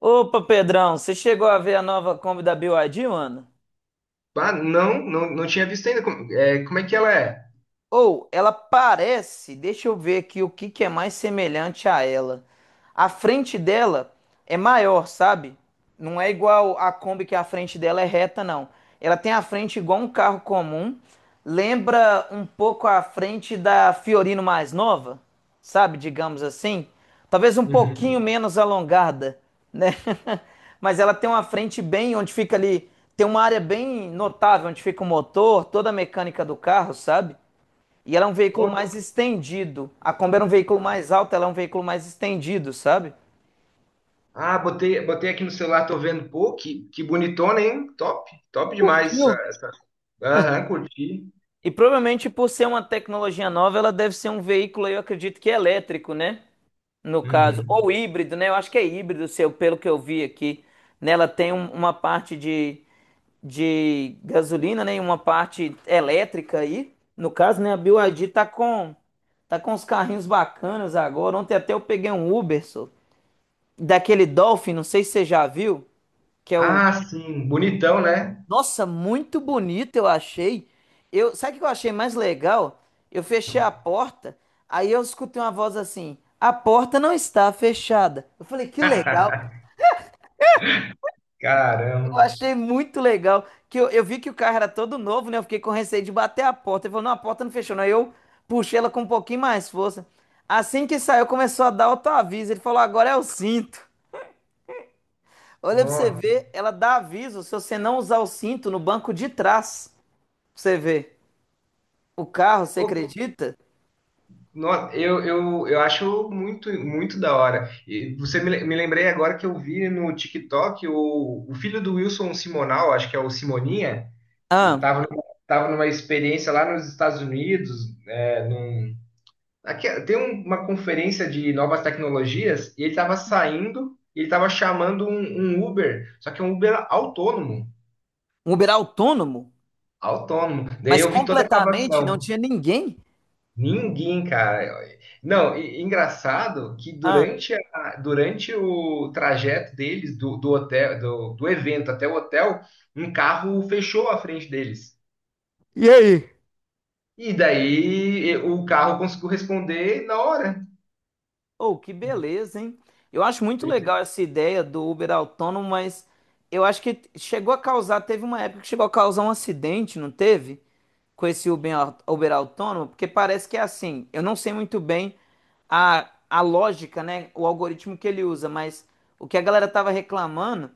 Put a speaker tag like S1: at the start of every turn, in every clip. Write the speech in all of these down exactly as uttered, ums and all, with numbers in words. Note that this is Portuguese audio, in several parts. S1: Opa, Pedrão, você chegou a ver a nova Kombi da B Y D, mano?
S2: Ah, não, não, não tinha visto ainda. Como é, como é que ela é?
S1: Ou ela parece, deixa eu ver aqui o que que é mais semelhante a ela. A frente dela é maior, sabe? Não é igual a Kombi que a frente dela é reta, não. Ela tem a frente igual um carro comum. Lembra um pouco a frente da Fiorino mais nova, sabe? Digamos assim. Talvez um pouquinho
S2: Uhum.
S1: menos alongada, né? Mas ela tem uma frente bem onde fica ali, tem uma área bem notável onde fica o motor, toda a mecânica do carro, sabe? E ela é um veículo
S2: Ó,
S1: mais estendido. A Kombi era um veículo mais alto, ela é um veículo mais estendido, sabe?
S2: ah, botei, botei aqui no celular, tô vendo. Pô, que, que bonitona, hein? Top, top demais essa,
S1: Curtiu?
S2: essa. Aham, curti.
S1: E provavelmente por ser uma tecnologia nova, ela deve ser um veículo, eu acredito que elétrico, né? No caso,
S2: Uhum.
S1: ou híbrido, né? Eu acho que é híbrido, seu, pelo que eu vi aqui. Nela tem um- uma parte de, de gasolina, né? E uma parte elétrica aí. No caso, né? A B Y D tá com tá com uns carrinhos bacanas agora. Ontem até eu peguei um Uber, só, daquele Dolphin, não sei se você já viu, que é o
S2: Ah, sim, bonitão, né?
S1: Nossa, muito bonito eu achei. Eu, sabe o que eu achei mais legal? Eu fechei a porta, aí eu escutei uma voz assim: "A porta não está fechada". Eu falei: "Que legal". Eu
S2: Caramba.
S1: achei muito legal que eu, eu vi que o carro era todo novo, né? Eu fiquei com receio de bater a porta. Ele falou: "Não, a porta não fechou". Não. Aí eu puxei ela com um pouquinho mais força. Assim que saiu, começou a dar autoaviso. Ele falou: "Agora é o cinto". Olha pra você
S2: Nossa,
S1: ver, ela dá aviso se você não usar o cinto no banco de trás. Pra você ver. O carro, você
S2: pô,
S1: acredita?
S2: nossa, eu, eu, eu acho muito, muito da hora. E você me, le- me lembrei agora que eu vi no TikTok o, o filho do Wilson Simonal, acho que é o Simoninha.
S1: Ah,
S2: Estava Tava, numa- tava numa experiência lá nos Estados Unidos, é, num- aqui- tem um- uma conferência de novas tecnologias e ele estava saindo e ele estava chamando um, um Uber, só que é um Uber autônomo,
S1: um Uber autônomo,
S2: autônomo. Daí
S1: mas
S2: eu vi toda a
S1: completamente não
S2: gravação.
S1: tinha ninguém.
S2: Ninguém, cara. Não, e- engraçado que
S1: Ah,
S2: durante, a- durante o trajeto deles, do, do hotel, do, do evento até o hotel, um carro fechou a frente deles.
S1: e aí?
S2: E daí e- o carro conseguiu responder na hora.
S1: Oh, que beleza, hein? Eu acho muito legal essa ideia do Uber autônomo, mas eu acho que chegou a causar, teve uma época que chegou a causar um acidente, não teve? Com esse Uber, au- Uber autônomo? Porque parece que é assim. Eu não sei muito bem a, a lógica, né? O algoritmo que ele usa, mas o que a galera tava reclamando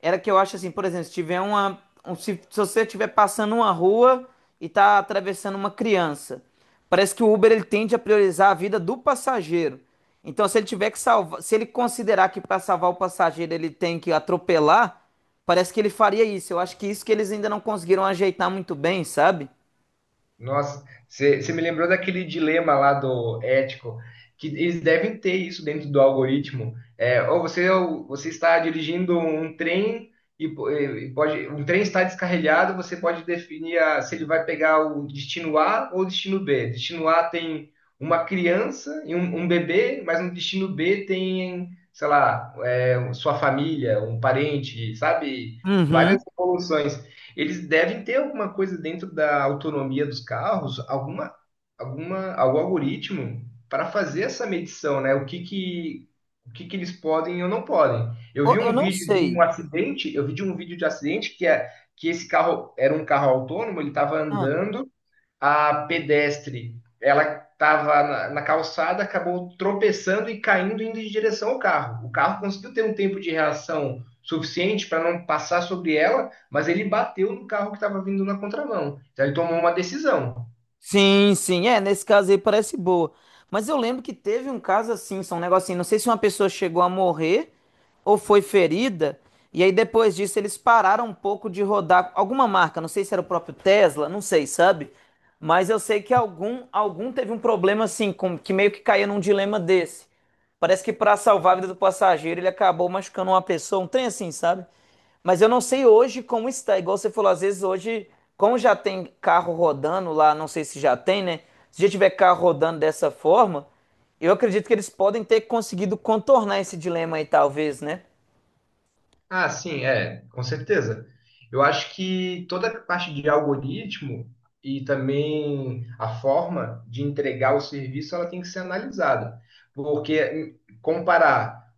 S1: era que eu acho assim, por exemplo, se tiver uma. Um- se, se você estiver passando uma rua e tá atravessando uma criança, parece que o Uber ele tende a priorizar a vida do passageiro. Então, se ele tiver que salvar, se ele considerar que para salvar o passageiro ele tem que atropelar, parece que ele faria isso. Eu acho que isso que eles ainda não conseguiram ajeitar muito bem, sabe?
S2: Nossa, você me lembrou daquele dilema lá do ético, que eles devem ter isso dentro do algoritmo. É, ou você, ou você está dirigindo um trem e, po- e pode, um trem está descarrilhado, você pode definir a- se ele vai pegar o destino A ou o destino B. Destino A tem uma criança e um, um bebê, mas no destino B tem, sei lá, é, sua família, um parente, sabe? Várias
S1: Uhum.
S2: evoluções. Eles devem ter alguma coisa dentro da autonomia dos carros, alguma, alguma, algum algoritmo para fazer essa medição, né? O que que, o que que eles podem ou não podem. Eu
S1: Ô,
S2: vi
S1: eu
S2: um
S1: não
S2: vídeo de um
S1: sei.
S2: acidente, eu vi de um vídeo de acidente que é que esse carro era um carro autônomo, ele estava
S1: Ah,
S2: andando a pedestre, ela estava na, na calçada, acabou tropeçando e caindo indo em direção ao carro. O carro conseguiu ter um tempo de reação suficiente para não passar sobre ela, mas ele bateu no carro que estava vindo na contramão. Então ele tomou uma decisão.
S1: sim, sim, é, nesse caso aí parece boa. Mas eu lembro que teve um caso assim, só um negocinho, não sei se uma pessoa chegou a morrer ou foi ferida, e aí depois disso eles pararam um pouco de rodar alguma marca, não sei se era o próprio Tesla, não sei, sabe? Mas eu sei que algum algum teve um problema assim, com, que meio que caía num dilema desse. Parece que para salvar a vida do passageiro, ele acabou machucando uma pessoa, um trem assim, sabe? Mas eu não sei hoje como está. Igual você falou, às vezes hoje, como já tem carro rodando lá, não sei se já tem, né? Se já tiver carro rodando dessa forma, eu acredito que eles podem ter conseguido contornar esse dilema aí, talvez, né?
S2: Ah, sim, é, com certeza. Eu acho que toda a parte de algoritmo e também a forma de entregar o serviço, ela tem que ser analisada. Porque hum, comparar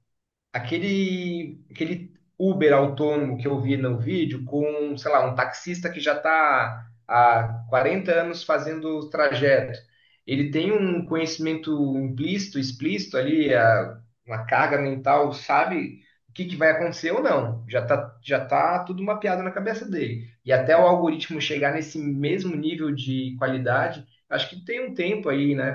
S2: aquele, aquele Uber autônomo que eu vi no vídeo com, sei lá, um taxista que já está há quarenta anos fazendo o trajeto. Ele tem um conhecimento implícito, explícito ali, a- uma carga mental, sabe o que que vai acontecer ou não. Já tá, já tá tudo mapeado na cabeça dele. E até o algoritmo chegar nesse mesmo nível de qualidade, acho que tem um tempo aí, né,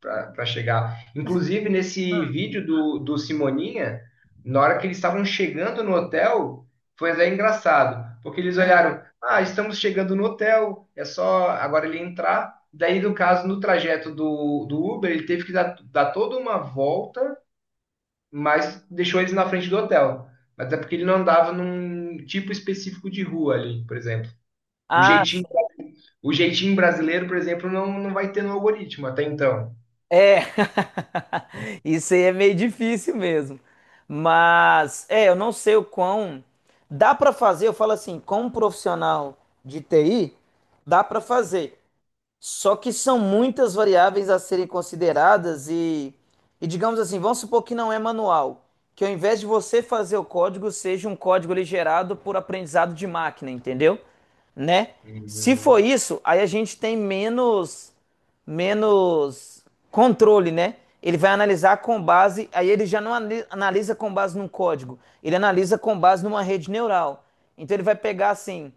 S2: para chegar. Inclusive, nesse
S1: Hum,
S2: vídeo do, do Simoninha, na hora que eles estavam chegando no hotel, foi até engraçado, porque eles
S1: hum.
S2: olharam, ah, estamos chegando no hotel, é só agora ele entrar. Daí, no caso, no trajeto do, do Uber, ele teve que dar, dar toda uma volta, mas deixou eles na frente do hotel. Até porque ele não andava num tipo específico de rua ali, por exemplo. O
S1: Ah,
S2: jeitinho,
S1: sim.
S2: o jeitinho brasileiro, por exemplo, não, não vai ter no algoritmo até então.
S1: É. Isso aí é meio difícil mesmo. Mas, é, eu não sei o quão. Dá para fazer, eu falo assim, como profissional de T I, dá para fazer. Só que são muitas variáveis a serem consideradas e, e digamos assim, vamos supor que não é manual, que ao invés de você fazer o código, seja um código ali gerado por aprendizado de máquina, entendeu? Né? Se for
S2: Hum.
S1: isso, aí a gente tem menos menos controle, né? Ele vai analisar com base, aí ele já não ani- analisa com base num código, ele analisa com base numa rede neural. Então ele vai pegar assim,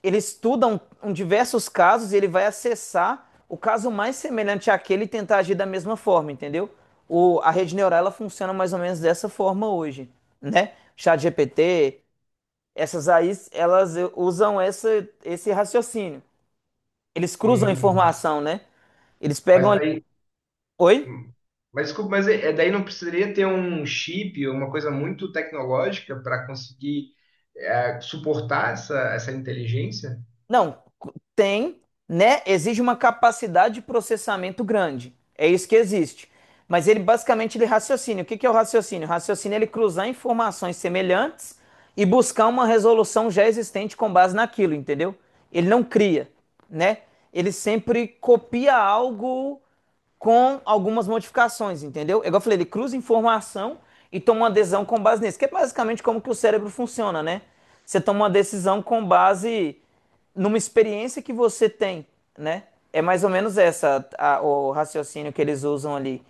S1: ele estuda um, um diversos casos e ele vai acessar o caso mais semelhante àquele e tentar agir da mesma forma, entendeu? O, a rede neural ela funciona mais ou menos dessa forma hoje, né? ChatGPT, essas aí, elas eh, usam essa, esse raciocínio. Eles cruzam a
S2: Hum.
S1: informação, né? Eles pegam
S2: Mas
S1: ali.
S2: daí
S1: Oi?
S2: hum. Mas desculpa, mas é, é daí não precisaria ter um chip, uma coisa muito tecnológica para conseguir é, suportar essa, essa inteligência?
S1: Não, tem, né? Exige uma capacidade de processamento grande. É isso que existe. Mas ele basicamente ele raciocina. O que que é o raciocínio? O raciocínio é ele cruzar informações semelhantes e buscar uma resolução já existente com base naquilo, entendeu? Ele não cria, né? Ele sempre copia algo com algumas modificações, entendeu? É igual eu falei, ele cruza informação e toma uma decisão com base nisso, que é basicamente como que o cérebro funciona, né? Você toma uma decisão com base numa experiência que você tem, né? É mais ou menos essa a- o raciocínio que eles usam ali.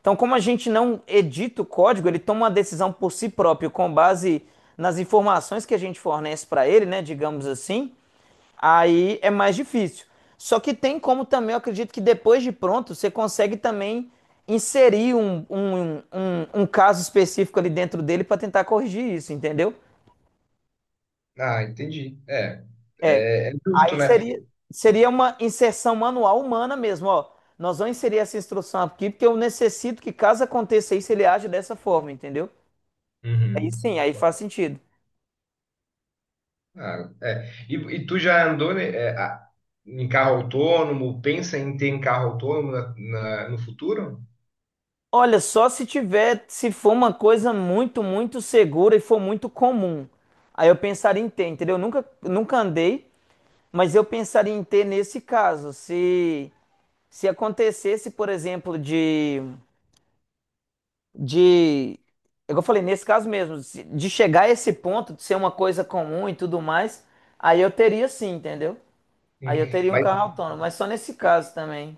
S1: Então, como a gente não edita o código, ele toma uma decisão por si próprio com base nas informações que a gente fornece para ele, né? Digamos assim. Aí é mais difícil. Só que tem como também, eu acredito que depois de pronto, você consegue também inserir um, um, um, um um caso específico ali dentro dele para tentar corrigir isso, entendeu?
S2: Ah, entendi. É,
S1: É.
S2: é, é
S1: Aí
S2: justo, né?
S1: seria, Seria uma inserção manual humana mesmo, ó. Nós vamos inserir essa instrução aqui porque eu necessito que caso aconteça isso, ele aja dessa forma, entendeu? Aí
S2: Uhum.
S1: sim, aí faz sentido.
S2: Ah, é. E, e tu já andou, né, é, a- em carro autônomo? Pensa em ter um carro autônomo na- na- no futuro?
S1: Olha, só se tiver, se for uma coisa muito, muito segura e for muito comum. Aí eu pensaria em ter, entendeu? Eu nunca, nunca andei, mas eu pensaria em ter nesse caso. Se, se acontecesse, por exemplo, de, de, igual eu falei, nesse caso mesmo, se- de chegar a esse ponto, de ser uma coisa comum e tudo mais, aí eu teria sim, entendeu? Aí
S2: Hum.
S1: eu teria um
S2: Mas
S1: carro autônomo, mas só nesse caso também.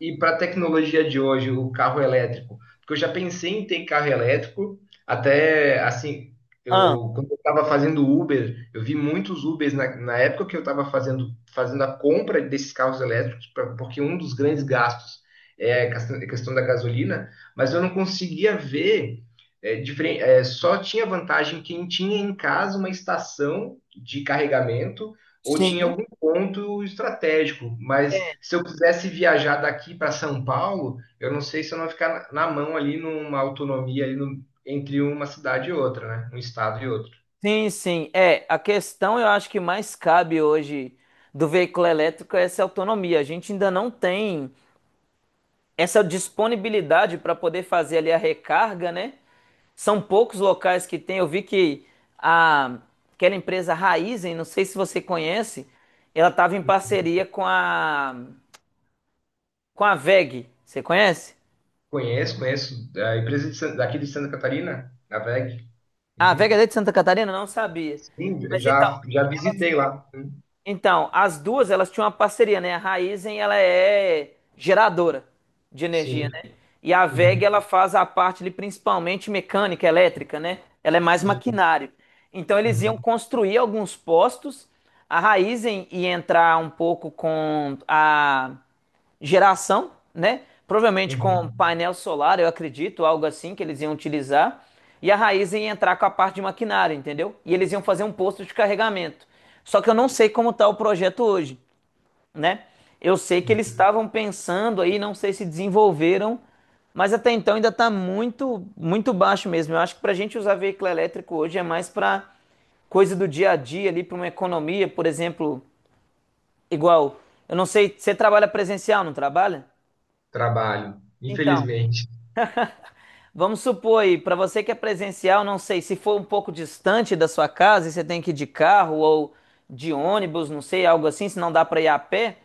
S2: e para a tecnologia de hoje, o carro elétrico? Porque eu já pensei em ter carro elétrico, até assim,
S1: Ah,
S2: eu, quando eu estava fazendo Uber, eu vi muitos Ubers na, na época que eu estava fazendo, fazendo a compra desses carros elétricos, pra- porque um dos grandes gastos é a questão, a questão da gasolina, mas eu não conseguia ver. é, diferen- é, só tinha vantagem quem tinha em casa uma estação de carregamento ou tinha
S1: sim.
S2: ponto estratégico, mas se eu quisesse viajar daqui para São Paulo, eu não sei se eu não ia ficar na na mão ali numa autonomia ali no- entre uma cidade e outra, né? Um estado e outro.
S1: Sim, sim. É, a questão eu acho que mais cabe hoje do veículo elétrico é essa autonomia. A gente ainda não tem essa disponibilidade para poder fazer ali a recarga, né? São poucos locais que tem. Eu vi que a, aquela empresa Raizen, não sei se você conhece, ela estava em parceria com a, com a W E G. Você conhece?
S2: Conheço, conheço a empresa de San- daqui de Santa Catarina, a WEG.
S1: Ah, a
S2: Uhum.
S1: W E G é de Santa Catarina? Não sabia.
S2: Sim,
S1: Mas então,
S2: já já visitei lá.
S1: então, as duas, elas tinham uma parceria, né? A Raizen, ela é geradora de energia,
S2: Sim.
S1: né? E a
S2: Uhum.
S1: W E G, ela faz a parte ali principalmente mecânica, elétrica, né? Ela é mais
S2: Sim.
S1: maquinário. Então, eles iam
S2: Uhum.
S1: construir alguns postos. A Raizen ia entrar um pouco com a geração, né? Provavelmente com
S2: Uhum.
S1: painel solar, eu acredito, algo assim que eles iam utilizar. E a Raizen ia entrar com a parte de maquinário, entendeu? E eles iam fazer um posto de carregamento. Só que eu não sei como está o projeto hoje, né? Eu sei que eles
S2: Uhum.
S1: estavam pensando aí, não sei se desenvolveram, mas até então ainda está muito, muito baixo mesmo. Eu acho que para a gente usar veículo elétrico hoje é mais para coisa do dia a dia ali, para uma economia, por exemplo, igual. Eu não sei, você trabalha presencial, não trabalha?
S2: Trabalho,
S1: Então,
S2: infelizmente.
S1: vamos supor aí, para você que é presencial, não sei, se for um pouco distante da sua casa e você tem que ir de carro ou de ônibus, não sei, algo assim, se não dá para ir a pé,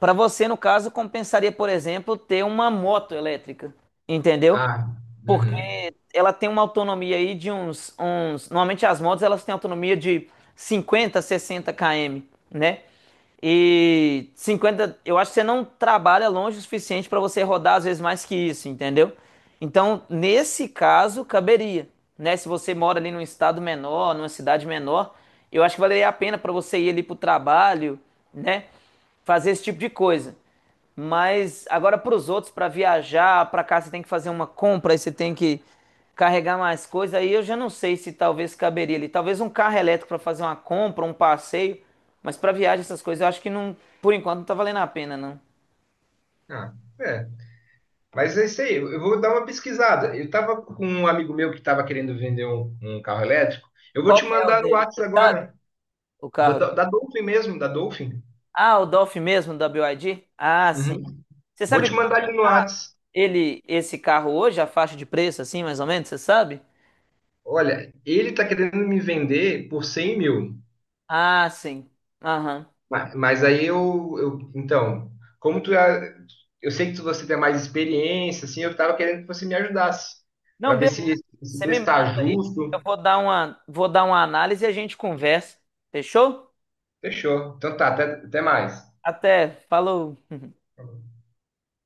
S1: para você, no caso, compensaria, por exemplo, ter uma moto elétrica, entendeu?
S2: Ah,
S1: Porque
S2: uhum.
S1: ela tem uma autonomia aí de uns, uns. Normalmente as motos elas têm autonomia de cinquenta, sessenta quilômetros, né? E cinquenta, eu acho que você não trabalha longe o suficiente para você rodar às vezes mais que isso, entendeu? Então, nesse caso, caberia, né? Se você mora ali num estado menor, numa cidade menor, eu acho que valeria a pena para você ir ali pro trabalho, né? Fazer esse tipo de coisa. Mas agora para os outros, para viajar, para cá você tem que fazer uma compra, aí você tem que carregar mais coisa. Aí eu já não sei se talvez caberia ali. Talvez um carro elétrico para fazer uma compra, um passeio, mas para viagem essas coisas eu acho que não, por enquanto não tá valendo a pena não.
S2: Ah, é. Mas é isso aí, eu vou dar uma pesquisada. Eu tava com um amigo meu que tava querendo vender um, um carro elétrico. Eu vou
S1: Qual
S2: te
S1: que é o
S2: mandar no
S1: dele,
S2: Whats
S1: você sabe?
S2: agora,
S1: O
S2: da,
S1: carro.
S2: da,
S1: Dele?
S2: da Dolphin mesmo, da Dolphin.
S1: Ah, o Dolph mesmo da B Y D? Ah, sim.
S2: Uhum.
S1: Você
S2: Vou
S1: sabe
S2: te
S1: quanto
S2: mandar ali no
S1: tá
S2: Whats.
S1: ele esse carro hoje, a faixa de preço assim, mais ou menos, você sabe?
S2: Olha, ele tá querendo me vender por cem mil.
S1: Ah, sim. Aham.
S2: Ma- Mas aí eu, eu- então, como tu, é- eu sei que tu- você tem mais experiência, assim, eu tava querendo que você me ajudasse, para
S1: Não,
S2: ver
S1: beleza.
S2: se esse
S1: Você me
S2: preço tá
S1: manda aí, eu
S2: justo.
S1: vou dar uma, vou dar uma análise e a gente conversa. Fechou?
S2: Fechou. Então tá, até, até mais.
S1: Até, falou.